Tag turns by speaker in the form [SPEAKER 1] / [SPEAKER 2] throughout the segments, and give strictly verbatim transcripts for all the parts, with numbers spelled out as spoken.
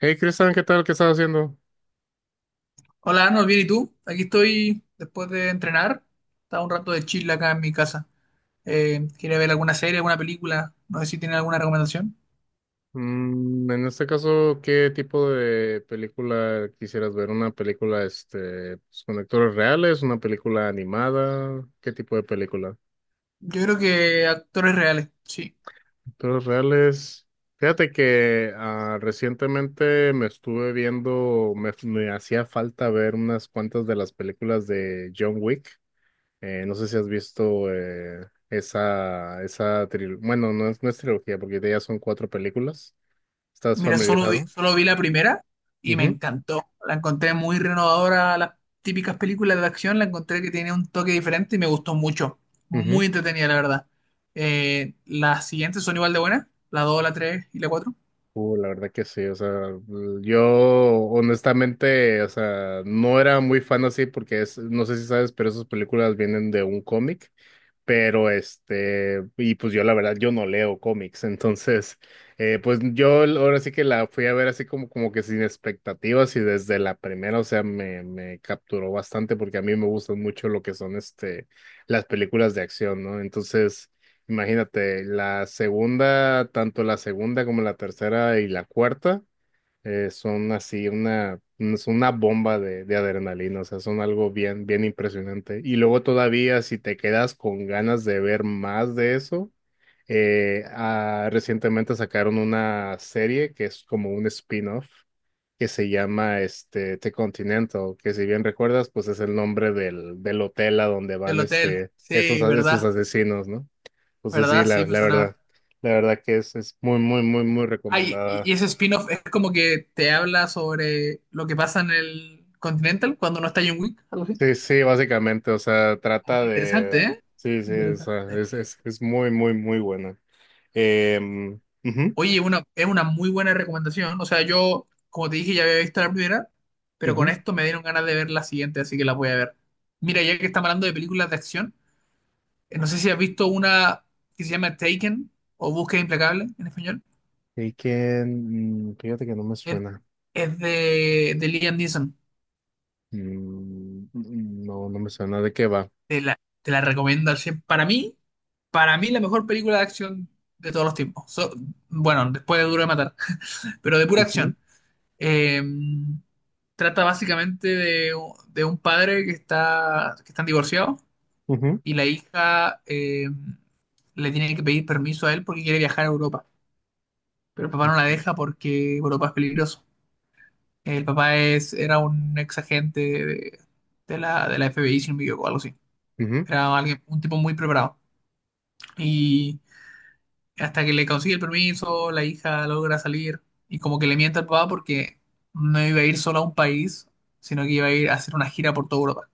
[SPEAKER 1] Hey Cristian, ¿qué tal? ¿Qué estás haciendo?
[SPEAKER 2] Hola, Arnold, bien, ¿y tú? Aquí estoy después de entrenar. Estaba un rato de chill acá en mi casa. Eh, quería ver alguna serie, alguna película. No sé si tienen alguna recomendación.
[SPEAKER 1] Mm, en este caso, ¿qué tipo de película quisieras ver? ¿Una película este, pues, con actores reales? ¿Una película animada? ¿Qué tipo de película?
[SPEAKER 2] Yo creo que actores reales, sí.
[SPEAKER 1] Actores reales. Fíjate que ah, recientemente me estuve viendo, me, me hacía falta ver unas cuantas de las películas de John Wick. Eh, no sé si has visto eh, esa, esa trilogía. Bueno, no es, no es trilogía porque de ellas son cuatro películas. ¿Estás
[SPEAKER 2] Mira, solo vi,
[SPEAKER 1] familiarizado?
[SPEAKER 2] solo vi la primera y me
[SPEAKER 1] Ujú,
[SPEAKER 2] encantó. La encontré muy renovadora. A Las típicas películas de acción la encontré que tiene un toque diferente y me gustó mucho.
[SPEAKER 1] ujú.
[SPEAKER 2] Muy entretenida, la verdad. Eh, las siguientes son igual de buenas. La dos, la tres y la cuatro.
[SPEAKER 1] Uh, la verdad que sí. O sea, yo honestamente, o sea, no era muy fan así porque es, no sé si sabes, pero esas películas vienen de un cómic. Pero este, y pues yo la verdad, yo no leo cómics. Entonces, eh, pues yo l- ahora sí que la fui a ver así como, como que sin expectativas, y desde la primera, o sea, me, me capturó bastante porque a mí me gustan mucho lo que son este, las películas de acción, ¿no? Entonces, imagínate, la segunda, tanto la segunda como la tercera y la cuarta. Eh, son así una, es una bomba de, de adrenalina. O sea, son algo bien, bien impresionante. Y luego todavía, si te quedas con ganas de ver más de eso, eh, ah, recientemente sacaron una serie que es como un spin-off que se llama este The Continental, que si bien recuerdas, pues es el nombre del, del hotel a donde van
[SPEAKER 2] Del hotel.
[SPEAKER 1] este, estos,
[SPEAKER 2] Sí,
[SPEAKER 1] a- estos
[SPEAKER 2] verdad.
[SPEAKER 1] asesinos, ¿no? Entonces sí,
[SPEAKER 2] ¿Verdad? Sí,
[SPEAKER 1] la,
[SPEAKER 2] me
[SPEAKER 1] la
[SPEAKER 2] sonaba.
[SPEAKER 1] verdad, la verdad que es, es muy, muy, muy, muy
[SPEAKER 2] Ay, y
[SPEAKER 1] recomendada.
[SPEAKER 2] y ese spin-off es como que te habla sobre lo que pasa en el Continental cuando no está John Wick, algo así.
[SPEAKER 1] Sí, sí, básicamente, o sea,
[SPEAKER 2] Ah,
[SPEAKER 1] trata
[SPEAKER 2] interesante,
[SPEAKER 1] de...
[SPEAKER 2] ¿eh?
[SPEAKER 1] Sí, sí, o sea,
[SPEAKER 2] Interesante.
[SPEAKER 1] es, es, es muy, muy, muy buena. Em, ujú,
[SPEAKER 2] Oye, una, es una muy buena recomendación. O sea, yo, como te dije, ya había visto la primera, pero con
[SPEAKER 1] ujú.
[SPEAKER 2] esto me dieron ganas de ver la siguiente, así que la voy a ver. Mira, ya que estamos hablando de películas de acción, eh, no sé si has visto una que se llama Taken o Búsqueda Implacable en español.
[SPEAKER 1] Y que, mm, fíjate que no me
[SPEAKER 2] Es,
[SPEAKER 1] suena.
[SPEAKER 2] es de, de Liam Neeson.
[SPEAKER 1] Mm, mm, no, no me suena de qué va.
[SPEAKER 2] Te la, te la recomiendo al cien. Para mí, para mí la mejor película de acción de todos los tiempos. So- bueno, después de Duro de Matar, pero de pura
[SPEAKER 1] Ujú,
[SPEAKER 2] acción. Eh, trata básicamente de, de un padre que está, que están divorciados
[SPEAKER 1] ujú,
[SPEAKER 2] y la hija eh, le tiene que pedir permiso a él porque quiere viajar a Europa. Pero el papá no la
[SPEAKER 1] ujú,
[SPEAKER 2] deja porque Europa es peligroso. El papá es, era un ex agente de, de la, de la F B I, si no me equivoco, algo así.
[SPEAKER 1] ujú.
[SPEAKER 2] Era alguien, un tipo muy preparado. Y hasta que le consigue el permiso, la hija logra salir y como que le miente al papá porque no iba a ir solo a un país, sino que iba a ir a hacer una gira por toda Europa.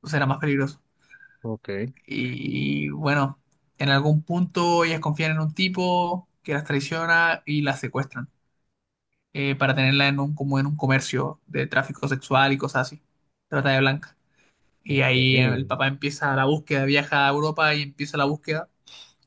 [SPEAKER 2] Entonces era más peligroso.
[SPEAKER 1] Ok,
[SPEAKER 2] Y bueno, en algún punto ellas confían en un tipo que las traiciona y las secuestran, eh, para tenerla en un, como en un comercio de tráfico sexual y cosas así. Trata de blanca. Y
[SPEAKER 1] ok.
[SPEAKER 2] ahí el papá empieza la búsqueda, viaja a Europa y empieza la búsqueda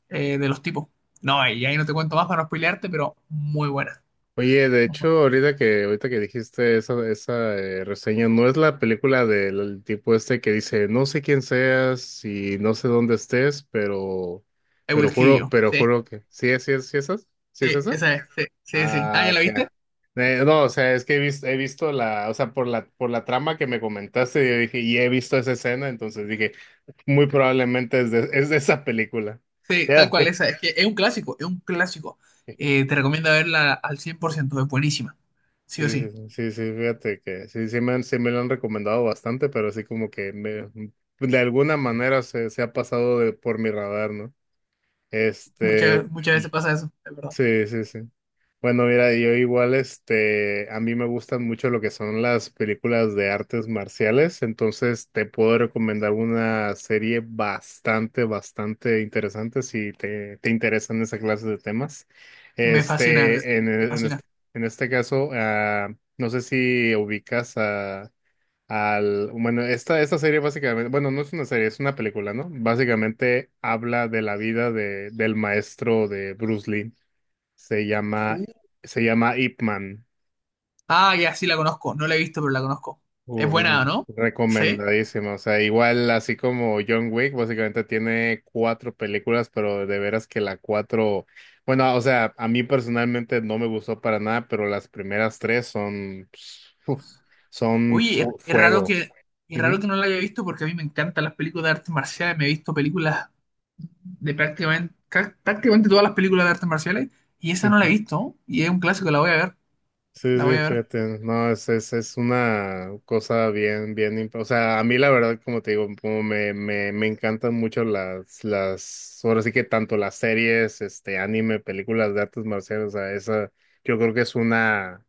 [SPEAKER 2] eh, de los tipos. No, y ahí no te cuento más para no spoilearte, pero muy buena.
[SPEAKER 1] Oye, de
[SPEAKER 2] I
[SPEAKER 1] hecho, ahorita que, ahorita que dijiste esa, esa eh, reseña, no es la película del tipo este que dice, no sé quién seas y no sé dónde estés, pero,
[SPEAKER 2] Will
[SPEAKER 1] pero
[SPEAKER 2] Kill
[SPEAKER 1] juro,
[SPEAKER 2] You.
[SPEAKER 1] pero
[SPEAKER 2] Sí,
[SPEAKER 1] juro que, sí, es- sí, es- sí, es esa, sí es
[SPEAKER 2] sí,
[SPEAKER 1] esa.
[SPEAKER 2] esa es, sí, sí, sí. Ah, ¿ya
[SPEAKER 1] Ah,
[SPEAKER 2] la
[SPEAKER 1] ok.
[SPEAKER 2] viste?
[SPEAKER 1] Eh, no, o sea, es que he visto, he visto la, o sea, por la, por la trama que me comentaste, yo dije, y he visto esa escena, entonces dije, muy probablemente es de, es de esa película.
[SPEAKER 2] Sí, tal
[SPEAKER 1] Ya.
[SPEAKER 2] cual, esa es. Que Es un clásico, es un clásico. Eh, te recomiendo verla al cien por ciento, es buenísima. Sí o
[SPEAKER 1] Sí, sí,
[SPEAKER 2] sí.
[SPEAKER 1] sí, sí, sí, fíjate que sí, sí me han, sí me lo han recomendado bastante, pero así como que me, de alguna manera se, se ha pasado de, por mi radar, ¿no? Este,
[SPEAKER 2] Muchas, muchas veces pasa eso, es verdad.
[SPEAKER 1] sí, sí, sí. Bueno, mira, yo igual, este, a mí me gustan mucho lo que son las películas de artes marciales. Entonces te puedo recomendar una serie bastante, bastante interesante si te, te interesan esa clase de temas.
[SPEAKER 2] Me fascina, me
[SPEAKER 1] Este, en, en
[SPEAKER 2] fascina.
[SPEAKER 1] este, en este caso, ah, no sé si ubicas a, al, bueno, esta, esta serie básicamente, bueno, no es una serie, es una película, ¿no? Básicamente habla de la vida de, del maestro de Bruce Lee. Se llama,
[SPEAKER 2] Uh.
[SPEAKER 1] se llama Ip Man.
[SPEAKER 2] Ah, ya, sí la conozco. No la he visto, pero la conozco. Es
[SPEAKER 1] Uh,
[SPEAKER 2] buena,
[SPEAKER 1] no,
[SPEAKER 2] ¿no? Sí.
[SPEAKER 1] recomendadísimo. O sea, igual así como John Wick, básicamente tiene cuatro películas, pero de veras que la cuatro, bueno, o sea, a mí personalmente no me gustó para nada, pero las primeras tres son, pss, uf, son
[SPEAKER 2] Oye, es,
[SPEAKER 1] fu-
[SPEAKER 2] es raro
[SPEAKER 1] fuego.
[SPEAKER 2] que, es raro
[SPEAKER 1] Ujú.
[SPEAKER 2] que no la haya visto porque a mí me encantan las películas de artes marciales. Me he visto películas de prácticamente, ca- prácticamente todas las películas de artes marciales y esa no la he visto y es un clásico, la voy a ver,
[SPEAKER 1] Sí,
[SPEAKER 2] la voy
[SPEAKER 1] sí,
[SPEAKER 2] a ver.
[SPEAKER 1] fíjate, no, es, es, es una cosa bien, bien, imp- o sea, a mí la verdad, como te digo, como me, me, me encantan mucho las, las, ahora sí que tanto las series, este, anime, películas de artes marciales, o sea, esa, yo creo que es una,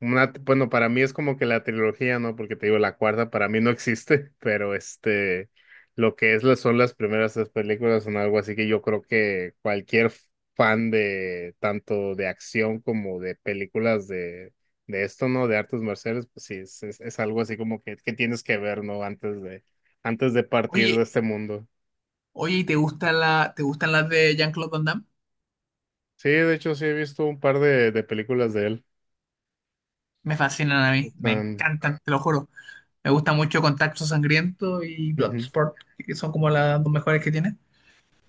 [SPEAKER 1] una, bueno, para mí es como que la trilogía, ¿no? Porque te digo, la cuarta para mí no existe, pero este, lo que es, la- son las primeras tres películas son algo así que yo creo que cualquier fan de tanto de acción como de películas de, de esto, ¿no? De artes marciales, pues sí, es, es, es algo así como que, que tienes que ver, ¿no? Antes de, antes de partir de
[SPEAKER 2] Oye,
[SPEAKER 1] este mundo.
[SPEAKER 2] oye, ¿y te gusta la, te gustan las de Jean-Claude Van Damme?
[SPEAKER 1] Sí, de hecho sí he visto un par de, de películas de él.
[SPEAKER 2] Me fascinan a mí, me
[SPEAKER 1] Están-
[SPEAKER 2] encantan, te lo juro. Me gusta mucho Contacto Sangriento y
[SPEAKER 1] ujú,
[SPEAKER 2] Bloodsport, que son como las dos mejores que tiene.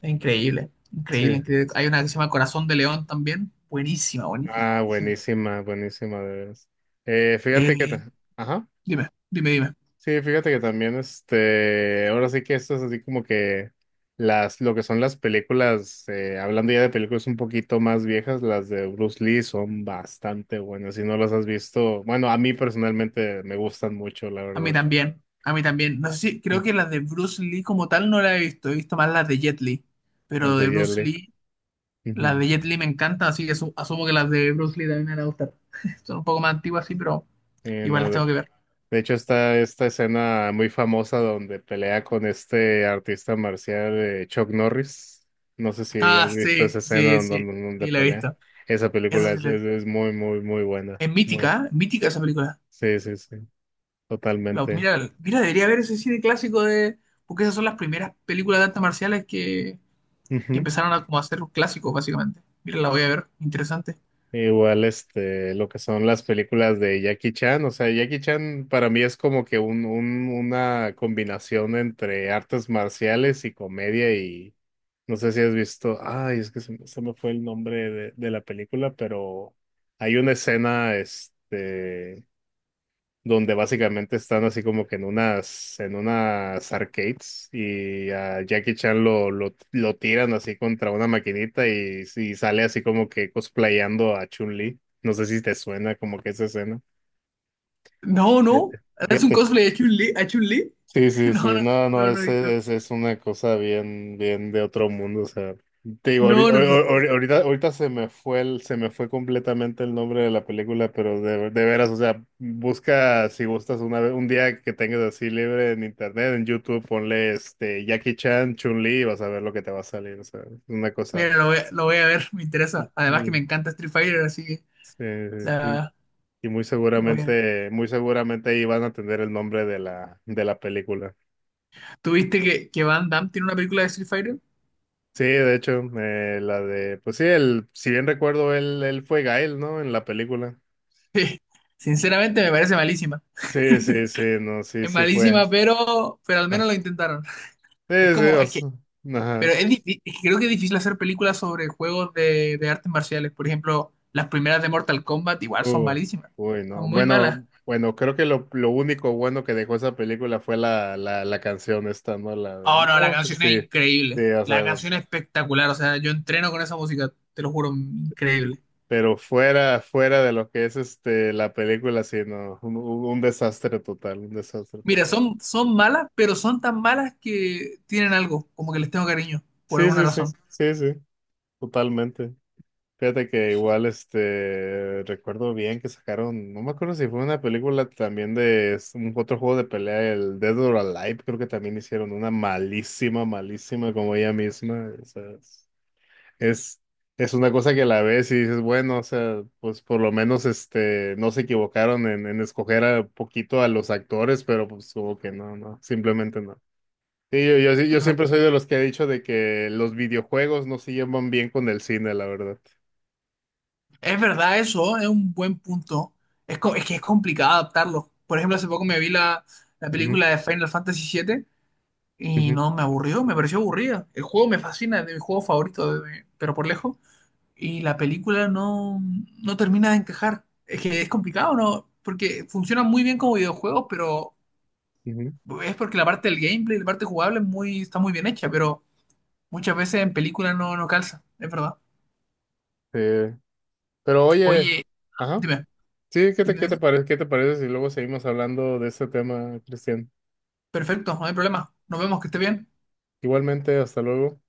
[SPEAKER 2] Es increíble, increíble,
[SPEAKER 1] sí.
[SPEAKER 2] increíble. Hay una que se llama Corazón de León también, buenísima, buenísima,
[SPEAKER 1] Ah,
[SPEAKER 2] buenísima.
[SPEAKER 1] buenísima, buenísima, de veras. Eh,
[SPEAKER 2] Eh,
[SPEAKER 1] fíjate que, ta- ajá,
[SPEAKER 2] dime, dime, dime.
[SPEAKER 1] sí, fíjate que también, este, ahora sí que esto es así como que las, lo que son las películas, eh, hablando ya de películas un poquito más viejas, las de Bruce Lee son bastante buenas. Si no las has visto, bueno, a mí personalmente me gustan mucho, la
[SPEAKER 2] A mí
[SPEAKER 1] verdad,
[SPEAKER 2] también, a mí también. No sé si, creo que las de Bruce Lee como tal no la he visto, he visto más las de Jet Li,
[SPEAKER 1] las
[SPEAKER 2] pero
[SPEAKER 1] de
[SPEAKER 2] de
[SPEAKER 1] Jet
[SPEAKER 2] Bruce
[SPEAKER 1] Li.
[SPEAKER 2] Lee, las
[SPEAKER 1] Ujú.
[SPEAKER 2] de Jet Li me encantan, así que asu- asumo que las de Bruce Lee también me van a gustar. Son un poco más antiguas, sí, pero
[SPEAKER 1] Eh,
[SPEAKER 2] igual
[SPEAKER 1] no,
[SPEAKER 2] las tengo
[SPEAKER 1] de
[SPEAKER 2] que ver.
[SPEAKER 1] hecho, está esta escena muy famosa donde pelea con este artista marcial eh, Chuck Norris. No sé si has
[SPEAKER 2] Ah,
[SPEAKER 1] visto
[SPEAKER 2] sí,
[SPEAKER 1] esa escena
[SPEAKER 2] sí,
[SPEAKER 1] donde,
[SPEAKER 2] sí,
[SPEAKER 1] donde- donde
[SPEAKER 2] sí, la he
[SPEAKER 1] pelea.
[SPEAKER 2] visto.
[SPEAKER 1] Esa
[SPEAKER 2] Eso
[SPEAKER 1] película
[SPEAKER 2] sí
[SPEAKER 1] es,
[SPEAKER 2] la he
[SPEAKER 1] es,
[SPEAKER 2] visto.
[SPEAKER 1] es muy, muy, muy buena.
[SPEAKER 2] Es
[SPEAKER 1] Muy,
[SPEAKER 2] mítica, ¿eh? Mítica esa película.
[SPEAKER 1] sí, sí, sí,
[SPEAKER 2] La-
[SPEAKER 1] totalmente.
[SPEAKER 2] mira, mira, debería ver ese cine clásico de... Porque esas son las primeras películas de artes marciales que, que
[SPEAKER 1] Ujú.
[SPEAKER 2] empezaron a como a ser clásicos, básicamente. Mira, la voy a ver, interesante.
[SPEAKER 1] Igual, este, lo que son las películas de Jackie Chan. O sea, Jackie Chan para mí es como que un, un, una combinación entre artes marciales y comedia y no sé si has visto, ay, es que se, me se me fue el nombre de, de la película. Pero hay una escena, este, donde básicamente están así como que en unas, en unas arcades, y a Jackie Chan lo, lo, lo tiran así contra una maquinita, y, y sale así como que cosplayando a Chun-Li. No sé si te suena como que esa escena.
[SPEAKER 2] No, no.
[SPEAKER 1] Fíjate.
[SPEAKER 2] Es un
[SPEAKER 1] Fíjate.
[SPEAKER 2] cosplay de Chun-Li. ¿A Chun-Li?
[SPEAKER 1] Sí, sí, sí, no, no,
[SPEAKER 2] No, no, no, no, he visto
[SPEAKER 1] ese, ese es una cosa bien, bien de otro mundo. O sea, te digo, ahori-
[SPEAKER 2] no, no, no,
[SPEAKER 1] ahor-
[SPEAKER 2] no.
[SPEAKER 1] ahor- ahorita, ahorita se me fue el, se me fue completamente el nombre de la película, pero de, de veras, o sea, busca si gustas una vez, un día que tengas así libre en internet, en YouTube, ponle este Jackie Chan, Chun-Li, y vas a ver lo que te va a salir. O sea, es una cosa.
[SPEAKER 2] Mira, lo voy, a, lo voy a ver, me
[SPEAKER 1] Y,
[SPEAKER 2] interesa. Además que
[SPEAKER 1] y,
[SPEAKER 2] me encanta Street Fighter, así que
[SPEAKER 1] eh, y-
[SPEAKER 2] la,
[SPEAKER 1] y muy
[SPEAKER 2] lo voy a ver.
[SPEAKER 1] seguramente, muy seguramente ahí van a tener el nombre de la, de la película.
[SPEAKER 2] ¿Tú viste que, que Van Damme tiene una película de Street Fighter?
[SPEAKER 1] Sí, de hecho, eh, la de, pues sí, el, si bien recuerdo, él, él fue Gael, ¿no? En la película.
[SPEAKER 2] Sí. Sinceramente me parece malísima.
[SPEAKER 1] Sí, sí, sí, no, sí,
[SPEAKER 2] Es
[SPEAKER 1] sí fue.
[SPEAKER 2] malísima, pero, pero al
[SPEAKER 1] Ah,
[SPEAKER 2] menos lo intentaron.
[SPEAKER 1] sí,
[SPEAKER 2] Es
[SPEAKER 1] sí,
[SPEAKER 2] como,
[SPEAKER 1] o
[SPEAKER 2] es que,
[SPEAKER 1] sea, ajá.
[SPEAKER 2] pero es difí- es que creo que es difícil hacer películas sobre juegos de, de artes marciales. Por ejemplo, las primeras de Mortal Kombat igual son
[SPEAKER 1] Uh,
[SPEAKER 2] malísimas.
[SPEAKER 1] uy, no.
[SPEAKER 2] Son muy malas.
[SPEAKER 1] Bueno, bueno, creo que lo, lo único bueno que dejó esa película fue la, la, la canción esta, ¿no? La de,
[SPEAKER 2] Oh, no, la
[SPEAKER 1] no,
[SPEAKER 2] canción es
[SPEAKER 1] sí, sí,
[SPEAKER 2] increíble.
[SPEAKER 1] o
[SPEAKER 2] La
[SPEAKER 1] sea,
[SPEAKER 2] canción es espectacular. O sea, yo entreno con esa música, te lo juro, increíble.
[SPEAKER 1] pero fuera, fuera de lo que es este, la película. Sí, no, un, un un desastre total, un desastre
[SPEAKER 2] Mira,
[SPEAKER 1] total.
[SPEAKER 2] son, son malas, pero son tan malas que tienen algo, como que les tengo cariño, por
[SPEAKER 1] Sí,
[SPEAKER 2] alguna
[SPEAKER 1] sí, sí,
[SPEAKER 2] razón.
[SPEAKER 1] sí, sí, totalmente. Fíjate que igual, este, recuerdo bien que sacaron, no me acuerdo si fue una película también de es un otro juego de pelea, el Dead or Alive, creo que también hicieron una malísima, malísima como ella misma. O sea, es, es es una cosa que la ves y dices, bueno, o sea, pues por lo menos, este, no se equivocaron en, en escoger a poquito a los actores, pero pues como que no, no, simplemente no. Sí, yo, yo, sí, yo
[SPEAKER 2] Es
[SPEAKER 1] siempre soy de los que he dicho de que los videojuegos no se llevan bien con el cine, la verdad.
[SPEAKER 2] verdad eso, es un buen punto. Es, co- es que es complicado adaptarlo. Por ejemplo, hace poco me vi la, la
[SPEAKER 1] Ujú,
[SPEAKER 2] película de Final Fantasy siete y
[SPEAKER 1] ujú.
[SPEAKER 2] no, me aburrió, me pareció aburrida. El juego me fascina, es de mis juegos favoritos, de- pero por lejos. Y la película no, no termina de encajar. Es que es complicado, ¿no? Porque funciona muy bien como videojuegos, pero
[SPEAKER 1] Ujú.
[SPEAKER 2] es porque la parte del gameplay, la parte jugable es muy, está muy bien hecha, pero muchas veces en película no, no calza, es verdad.
[SPEAKER 1] Eh, pero oye,
[SPEAKER 2] Oye,
[SPEAKER 1] ajá,
[SPEAKER 2] dime,
[SPEAKER 1] sí, ¿qué te,
[SPEAKER 2] dime,
[SPEAKER 1] qué te
[SPEAKER 2] dime.
[SPEAKER 1] parece, qué te parece si luego seguimos hablando de este tema, Cristian?
[SPEAKER 2] Perfecto, no hay problema. Nos vemos, que esté bien.
[SPEAKER 1] Igualmente, hasta luego.